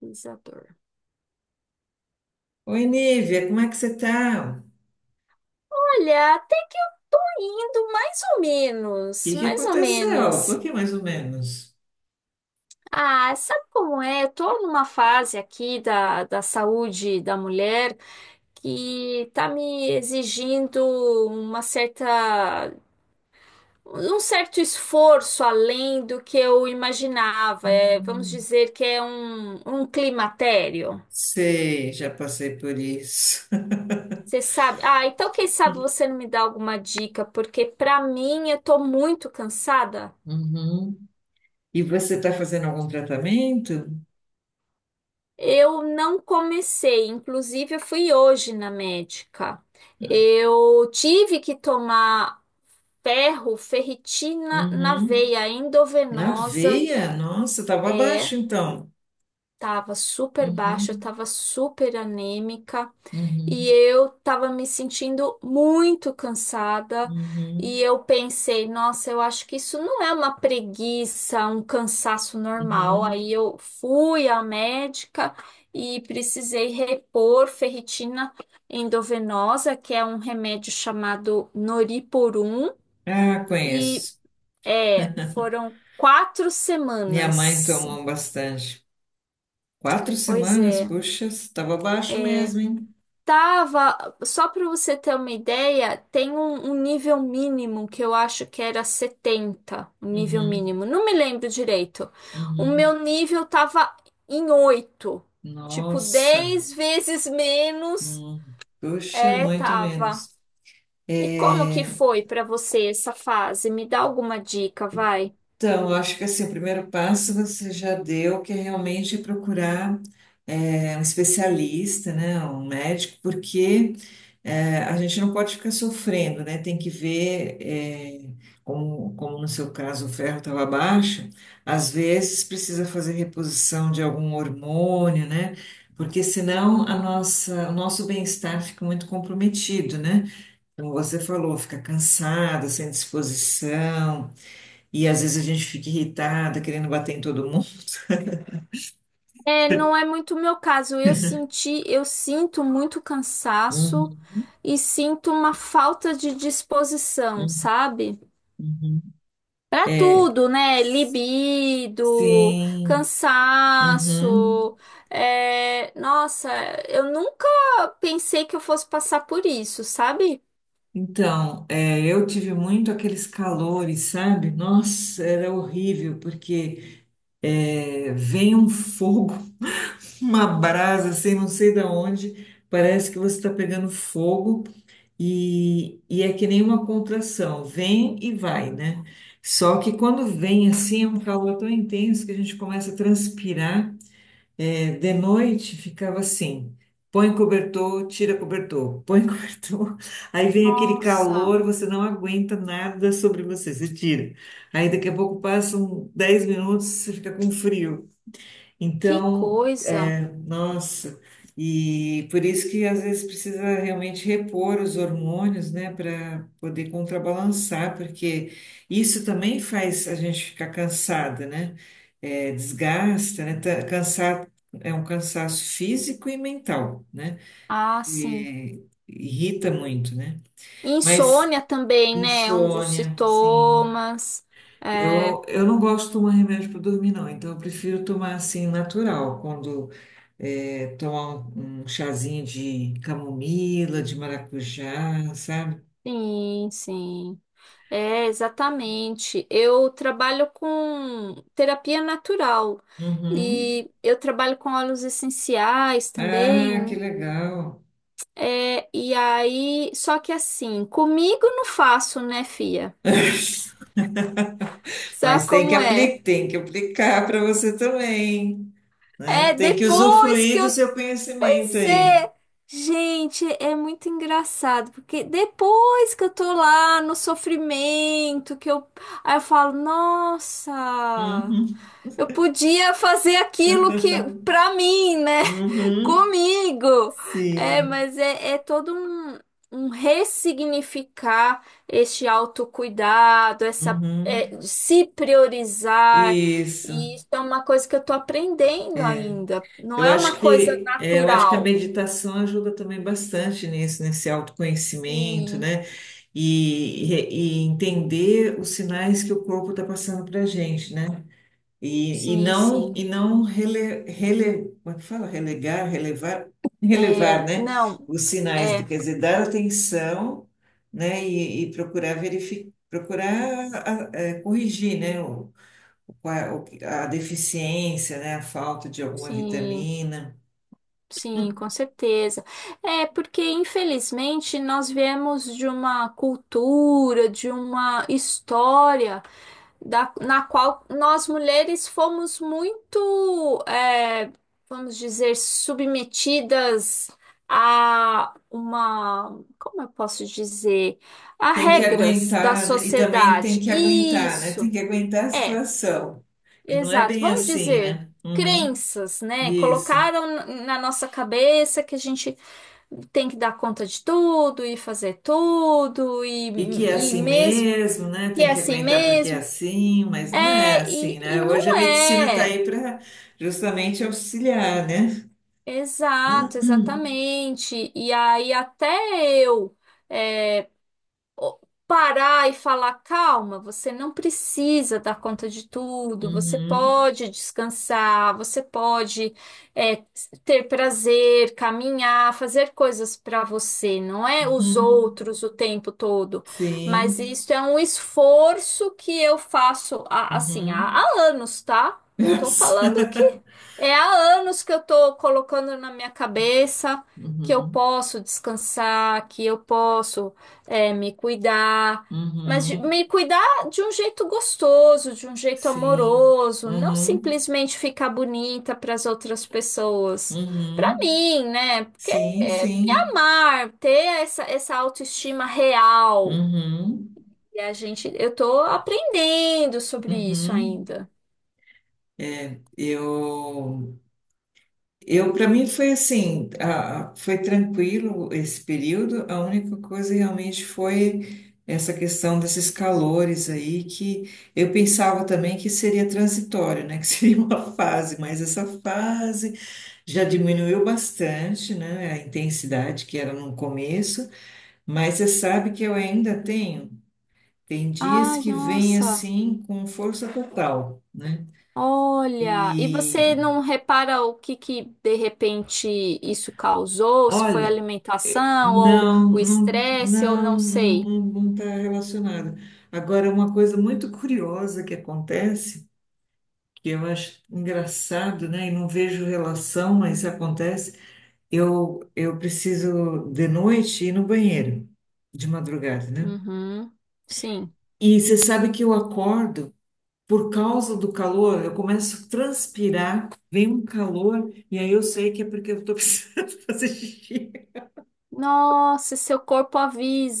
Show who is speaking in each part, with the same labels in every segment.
Speaker 1: Pesquisador.
Speaker 2: Oi, Nívia, como é que você tá? O
Speaker 1: Olha, até que eu tô indo mais ou
Speaker 2: que
Speaker 1: menos,
Speaker 2: que
Speaker 1: mais ou
Speaker 2: aconteceu? Por
Speaker 1: menos.
Speaker 2: que mais ou menos?
Speaker 1: Ah, sabe como é? Eu tô numa fase aqui da saúde da mulher que tá me exigindo uma certa, um certo esforço além do que eu imaginava. É, vamos
Speaker 2: Uhum.
Speaker 1: dizer que é um climatério.
Speaker 2: Sei, já passei por isso.
Speaker 1: Você sabe? Ah, então quem sabe você não me dá alguma dica, porque pra mim eu tô muito cansada.
Speaker 2: Uhum. E você está fazendo algum tratamento?
Speaker 1: Eu não comecei, inclusive eu fui hoje na médica. Eu tive que tomar ferro, ferritina na
Speaker 2: Uhum.
Speaker 1: veia
Speaker 2: Na
Speaker 1: endovenosa.
Speaker 2: veia? Nossa, estava abaixo então.
Speaker 1: Tava super baixa,
Speaker 2: Uhum.
Speaker 1: tava super anêmica e
Speaker 2: Uhum.
Speaker 1: eu tava me sentindo muito cansada. E
Speaker 2: Uhum.
Speaker 1: eu pensei, nossa, eu acho que isso não é uma preguiça, um cansaço normal. Aí
Speaker 2: Uhum.
Speaker 1: eu fui à médica e precisei repor ferritina endovenosa, que é um remédio chamado Noriporum,
Speaker 2: Ah,
Speaker 1: e
Speaker 2: conheço.
Speaker 1: foram quatro
Speaker 2: Minha mãe
Speaker 1: semanas.
Speaker 2: tomou bastante. Quatro
Speaker 1: Pois
Speaker 2: semanas,
Speaker 1: é.
Speaker 2: puxa, estava abaixo mesmo, hein?
Speaker 1: Tava, só para você ter uma ideia, tem um nível mínimo que eu acho que era 70 o nível
Speaker 2: Uhum.
Speaker 1: mínimo. Não me lembro direito. O
Speaker 2: Uhum.
Speaker 1: meu nível tava em 8, tipo
Speaker 2: Nossa.
Speaker 1: 10 vezes menos.
Speaker 2: Hum, puxa,
Speaker 1: É,
Speaker 2: muito
Speaker 1: tava.
Speaker 2: menos.
Speaker 1: E como que
Speaker 2: É,
Speaker 1: foi para você essa fase? Me dá alguma dica, vai.
Speaker 2: Então, eu acho que assim, o primeiro passo você já deu, que é realmente procurar um especialista, né, um médico, porque a gente não pode ficar sofrendo, né? Tem que ver, como no seu caso o ferro estava baixo, às vezes precisa fazer reposição de algum hormônio, né? Porque senão a nossa, o nosso bem-estar fica muito comprometido, né? Como você falou, fica cansada, sem disposição, e às vezes a gente fica irritada, querendo bater em todo mundo.
Speaker 1: É, não é muito o meu caso. Eu sinto muito cansaço
Speaker 2: Uhum,
Speaker 1: e sinto uma falta de disposição, sabe?
Speaker 2: uhum.
Speaker 1: Pra tudo, né? Libido,
Speaker 2: Sim, uhum.
Speaker 1: cansaço. Nossa, eu nunca pensei que eu fosse passar por isso, sabe?
Speaker 2: Então, eu tive muito aqueles calores, sabe? Nossa, era horrível, porque vem um fogo, uma brasa, assim, não sei da onde, parece que você está pegando fogo. E é que nem uma contração, vem e vai, né? Só que quando vem assim, é um calor tão intenso que a gente começa a transpirar. É, de noite ficava assim: põe cobertor, tira cobertor, põe cobertor. Aí vem aquele
Speaker 1: Nossa,
Speaker 2: calor, você não aguenta nada sobre você, você tira. Aí daqui a pouco passam 10 minutos, você fica com frio.
Speaker 1: que
Speaker 2: Então,
Speaker 1: coisa.
Speaker 2: nossa, e por isso que às vezes precisa realmente repor os hormônios, né, para poder contrabalançar, porque isso também faz a gente ficar cansada, né? É, desgasta, né? Cansar é um cansaço físico e mental, né?
Speaker 1: Ah, sim.
Speaker 2: E irrita muito, né? Mas
Speaker 1: Insônia também, né? Um dos
Speaker 2: insônia, sim.
Speaker 1: sintomas. É,
Speaker 2: Eu não gosto de tomar remédio para dormir, não. Então, eu prefiro tomar assim, natural. Quando tomar um chazinho de camomila, de maracujá, sabe?
Speaker 1: sim, sim. É, exatamente. Eu trabalho com terapia natural
Speaker 2: Uhum.
Speaker 1: e eu trabalho com óleos essenciais
Speaker 2: Ah, que
Speaker 1: também.
Speaker 2: legal.
Speaker 1: É, e aí, só que assim, comigo não faço, né, fia? Sabe
Speaker 2: Mas
Speaker 1: como é?
Speaker 2: tem que aplicar para você também, né?
Speaker 1: É
Speaker 2: Tem que
Speaker 1: depois que
Speaker 2: usufruir do
Speaker 1: eu.
Speaker 2: seu conhecimento
Speaker 1: Pois
Speaker 2: aí.
Speaker 1: é! Gente, é muito engraçado, porque depois que eu tô lá no sofrimento, que eu. Aí eu falo, nossa!
Speaker 2: Uhum.
Speaker 1: Eu podia fazer aquilo que, pra mim, né?
Speaker 2: Uhum.
Speaker 1: Comigo. É,
Speaker 2: Sim.
Speaker 1: mas é todo um ressignificar este autocuidado, essa,
Speaker 2: Uhum.
Speaker 1: é, se priorizar.
Speaker 2: Isso.
Speaker 1: E isso é uma coisa que eu tô aprendendo ainda. Não
Speaker 2: Eu
Speaker 1: é uma
Speaker 2: acho
Speaker 1: coisa
Speaker 2: que a
Speaker 1: natural.
Speaker 2: meditação ajuda também bastante nisso, nesse autoconhecimento,
Speaker 1: Sim,
Speaker 2: né? E entender os sinais que o corpo está passando para a gente, né? E, e
Speaker 1: sim,
Speaker 2: não,
Speaker 1: sim.
Speaker 2: e não como é que fala? Relegar, relevar, relevar,
Speaker 1: É,
Speaker 2: né?
Speaker 1: não,
Speaker 2: Os sinais,
Speaker 1: é,
Speaker 2: quer dizer, dar atenção, né? E procurar verificar, procurar corrigir, né? A deficiência, né? A falta de alguma
Speaker 1: sim.
Speaker 2: vitamina.
Speaker 1: Sim, com certeza. É porque, infelizmente, nós viemos de uma cultura, de uma história na qual nós mulheres fomos muito, vamos dizer, submetidas como eu posso dizer, a
Speaker 2: Tem que
Speaker 1: regras da
Speaker 2: aguentar, né? E também tem
Speaker 1: sociedade.
Speaker 2: que aguentar, né?
Speaker 1: Isso,
Speaker 2: Tem que aguentar a
Speaker 1: é,
Speaker 2: situação. E não é
Speaker 1: exato.
Speaker 2: bem
Speaker 1: Vamos
Speaker 2: assim,
Speaker 1: dizer
Speaker 2: né? Uhum,
Speaker 1: crenças, né?
Speaker 2: isso.
Speaker 1: Colocaram na nossa cabeça que a gente tem que dar conta de tudo e fazer tudo e,
Speaker 2: E que é
Speaker 1: e
Speaker 2: assim
Speaker 1: mesmo
Speaker 2: mesmo, né?
Speaker 1: e
Speaker 2: Tem
Speaker 1: é
Speaker 2: que
Speaker 1: assim
Speaker 2: aguentar porque é
Speaker 1: mesmo.
Speaker 2: assim, mas não é
Speaker 1: É,
Speaker 2: assim,
Speaker 1: e
Speaker 2: né?
Speaker 1: não
Speaker 2: Hoje a medicina está
Speaker 1: é.
Speaker 2: aí para justamente auxiliar, né?
Speaker 1: Exato, exatamente. E aí até eu é, o- parar e falar, calma, você não precisa dar conta de tudo, você
Speaker 2: Uhum,
Speaker 1: pode descansar, você pode é, ter prazer, caminhar, fazer coisas para você, não é os
Speaker 2: uhum,
Speaker 1: outros o tempo todo, mas
Speaker 2: sim.
Speaker 1: isso é um esforço que eu faço assim há,
Speaker 2: Uhum.
Speaker 1: há anos, tá? Não tô falando que é há anos que eu tô colocando na minha cabeça que eu
Speaker 2: Uhum,
Speaker 1: posso descansar, que eu posso me cuidar, mas
Speaker 2: uhum,
Speaker 1: me cuidar de um jeito gostoso, de um jeito
Speaker 2: sim.
Speaker 1: amoroso, não
Speaker 2: Uhum,
Speaker 1: simplesmente ficar bonita para as outras pessoas. Para
Speaker 2: uhum,
Speaker 1: mim, né? Porque
Speaker 2: sim,
Speaker 1: me
Speaker 2: sim.
Speaker 1: amar, ter essa autoestima real.
Speaker 2: Uhum.
Speaker 1: E eu tô aprendendo sobre isso
Speaker 2: Uhum.
Speaker 1: ainda.
Speaker 2: É, eu, eu para mim foi assim, foi tranquilo esse período. A única coisa realmente foi essa questão desses calores aí que eu pensava também que seria transitório, né? Que seria uma fase, mas essa fase já diminuiu bastante, né? A intensidade que era no começo, mas você sabe que eu ainda tenho. Tem dias
Speaker 1: Ai,
Speaker 2: que vem
Speaker 1: nossa.
Speaker 2: assim com força total, né?
Speaker 1: Olha, e você
Speaker 2: E
Speaker 1: não repara o que que de repente isso causou? Se foi a
Speaker 2: Olha,
Speaker 1: alimentação ou
Speaker 2: não,
Speaker 1: o
Speaker 2: não,
Speaker 1: estresse ou
Speaker 2: não,
Speaker 1: não sei.
Speaker 2: não, não está relacionada. Agora, uma coisa muito curiosa que acontece, que eu acho engraçado, né? E não vejo relação, mas acontece. Eu preciso de noite ir no banheiro, de madrugada, né?
Speaker 1: Uhum, sim.
Speaker 2: E você sabe que eu acordo por causa do calor, eu começo a transpirar, vem um calor, e aí eu sei que é porque eu estou precisando fazer xixi.
Speaker 1: Nossa, seu corpo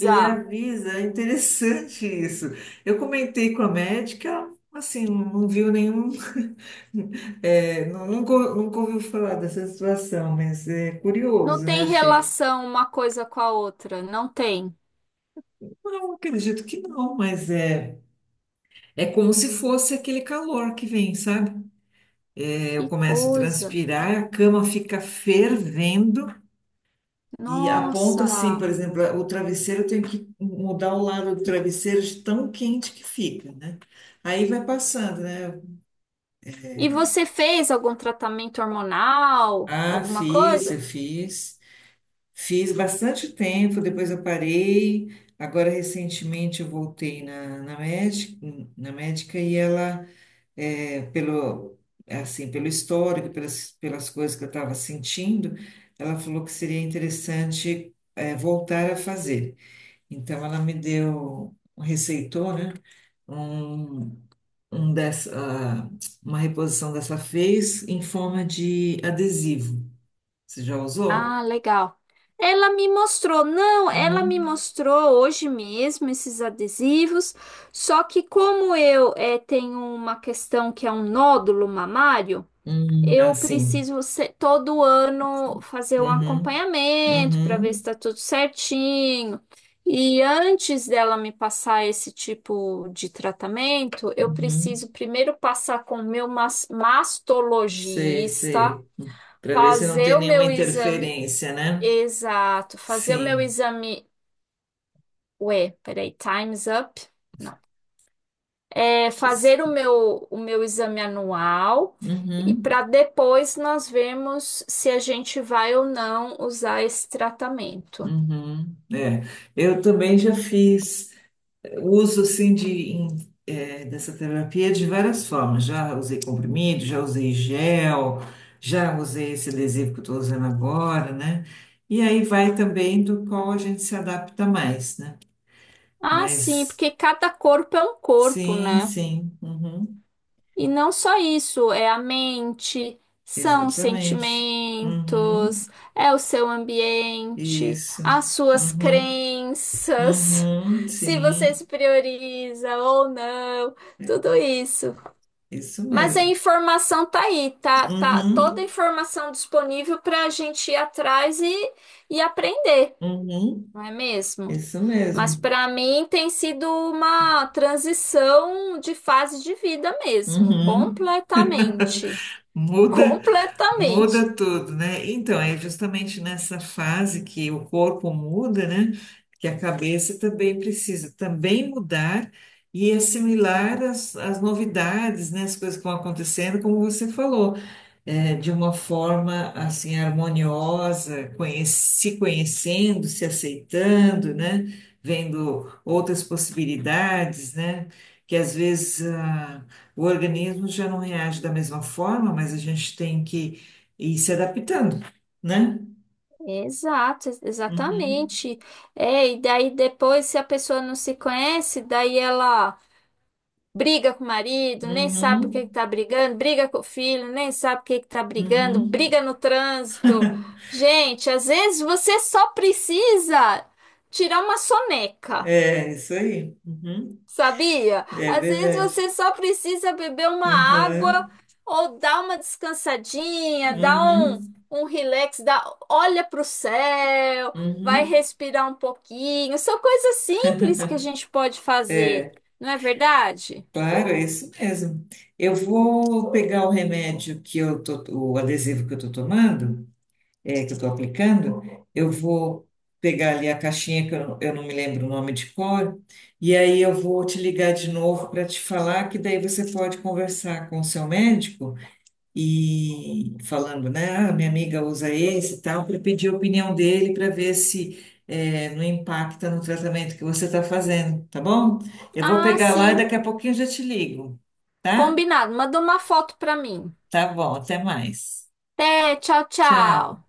Speaker 2: Ele avisa, é interessante isso. Eu comentei com a médica, assim, não viu nenhum, não, nunca ouviu falar dessa situação, mas é
Speaker 1: Não
Speaker 2: curioso, né?
Speaker 1: tem
Speaker 2: Achei.
Speaker 1: relação uma coisa com a outra, não tem.
Speaker 2: Não, acredito que não, mas é, é como se fosse aquele calor que vem, sabe? É, eu
Speaker 1: Que
Speaker 2: começo a
Speaker 1: coisa.
Speaker 2: transpirar, a cama fica fervendo e aponta assim, por
Speaker 1: Nossa.
Speaker 2: exemplo, o travesseiro, eu tenho que mudar o lado do travesseiro de tão quente que fica, né? Aí vai passando, né?
Speaker 1: E você fez algum tratamento hormonal,
Speaker 2: Ah,
Speaker 1: alguma
Speaker 2: fiz, eu
Speaker 1: coisa?
Speaker 2: fiz. Fiz bastante tempo, depois eu parei. Agora, recentemente, eu voltei na médica, e ela, pelo, assim, pelo histórico, pelas, pelas coisas que eu estava sentindo, ela falou que seria interessante, voltar a fazer. Então, ela me deu, receitou, né, um, um dessa, ah, uma reposição dessa fez em forma de adesivo. Você já usou?
Speaker 1: Ah, legal. Ela me mostrou, não, ela me
Speaker 2: Uhum.
Speaker 1: mostrou hoje mesmo esses adesivos, só que como eu tenho uma questão que é um nódulo mamário, eu
Speaker 2: Assim.
Speaker 1: preciso todo ano fazer um
Speaker 2: Uhum.
Speaker 1: acompanhamento para ver se
Speaker 2: Uhum.
Speaker 1: está tudo certinho. E antes dela me passar esse tipo de tratamento, eu
Speaker 2: Uhum.
Speaker 1: preciso primeiro passar com o meu
Speaker 2: Sei,
Speaker 1: mastologista,
Speaker 2: sei. Para ver se não
Speaker 1: fazer
Speaker 2: tem
Speaker 1: o
Speaker 2: nenhuma
Speaker 1: meu exame.
Speaker 2: interferência, né?
Speaker 1: Exato. Fazer o meu
Speaker 2: Sim.
Speaker 1: exame. Ué, peraí, time's up? Não. É fazer o meu exame anual e
Speaker 2: Uhum.
Speaker 1: para depois nós vermos se a gente vai ou não usar esse tratamento.
Speaker 2: Uhum. É. Eu também já fiz uso assim em- dessa terapia de várias formas. Já usei comprimido, já usei gel, já usei esse adesivo que eu estou usando agora, né? E aí vai também do qual a gente se adapta mais, né?
Speaker 1: Ah, sim,
Speaker 2: Mas
Speaker 1: porque cada corpo é um corpo,
Speaker 2: sim,
Speaker 1: né?
Speaker 2: sim. Uhum.
Speaker 1: E não só isso, é a mente, são os
Speaker 2: Exatamente. Uhum.
Speaker 1: sentimentos, é o seu ambiente,
Speaker 2: Isso.
Speaker 1: as suas
Speaker 2: Uhum.
Speaker 1: crenças,
Speaker 2: Uhum.
Speaker 1: se você
Speaker 2: Sim,
Speaker 1: se prioriza ou não, tudo isso.
Speaker 2: isso
Speaker 1: Mas a
Speaker 2: mesmo.
Speaker 1: informação tá aí, tá toda a
Speaker 2: Uhum.
Speaker 1: informação disponível para a gente ir atrás e aprender,
Speaker 2: Uhum.
Speaker 1: não é mesmo?
Speaker 2: Isso
Speaker 1: Mas
Speaker 2: mesmo.
Speaker 1: para mim tem sido uma transição de fase de vida mesmo,
Speaker 2: Uhum.
Speaker 1: completamente.
Speaker 2: Muda,
Speaker 1: Completamente.
Speaker 2: muda tudo, né? Então, é justamente nessa fase que o corpo muda, né? Que a cabeça também precisa também mudar e assimilar as novidades, né? As coisas que vão acontecendo, como você falou. De uma forma assim harmoniosa, se conhecendo, se aceitando, né? Vendo outras possibilidades, né? Que às vezes ah, o organismo já não reage da mesma forma, mas a gente tem que ir se adaptando, né?
Speaker 1: Exato,
Speaker 2: Uhum,
Speaker 1: exatamente. É, e daí depois, se a pessoa não se conhece, daí ela briga com o marido, nem sabe por que que
Speaker 2: uhum,
Speaker 1: tá brigando, briga com o filho, nem sabe por que que tá brigando,
Speaker 2: uhum.
Speaker 1: briga no trânsito. Gente, às vezes você só precisa tirar uma soneca.
Speaker 2: É isso aí. Uhum.
Speaker 1: Sabia?
Speaker 2: É
Speaker 1: Às vezes
Speaker 2: verdade.
Speaker 1: você só precisa beber uma água
Speaker 2: Uhum,
Speaker 1: ou dar uma descansadinha, dar um,
Speaker 2: uhum,
Speaker 1: um relax, olha para o céu, vai
Speaker 2: uhum.
Speaker 1: respirar um pouquinho. São coisas simples que a gente pode fazer,
Speaker 2: É.
Speaker 1: não é verdade?
Speaker 2: Claro, é isso mesmo. Eu vou pegar o remédio que eu tô, o adesivo que eu estou tomando, que eu estou aplicando, eu vou pegar ali a caixinha que eu não me lembro o nome de cor, e aí eu vou te ligar de novo para te falar que daí você pode conversar com o seu médico e falando, né? Ah, minha amiga usa esse e tal, para pedir a opinião dele para ver se não impacta no tratamento que você está fazendo, tá bom? Eu vou
Speaker 1: Ah,
Speaker 2: pegar lá e
Speaker 1: sim.
Speaker 2: daqui a pouquinho eu já te ligo, tá?
Speaker 1: Combinado. Manda uma foto para mim.
Speaker 2: Tá bom, até mais.
Speaker 1: Até, tchau, tchau.
Speaker 2: Tchau.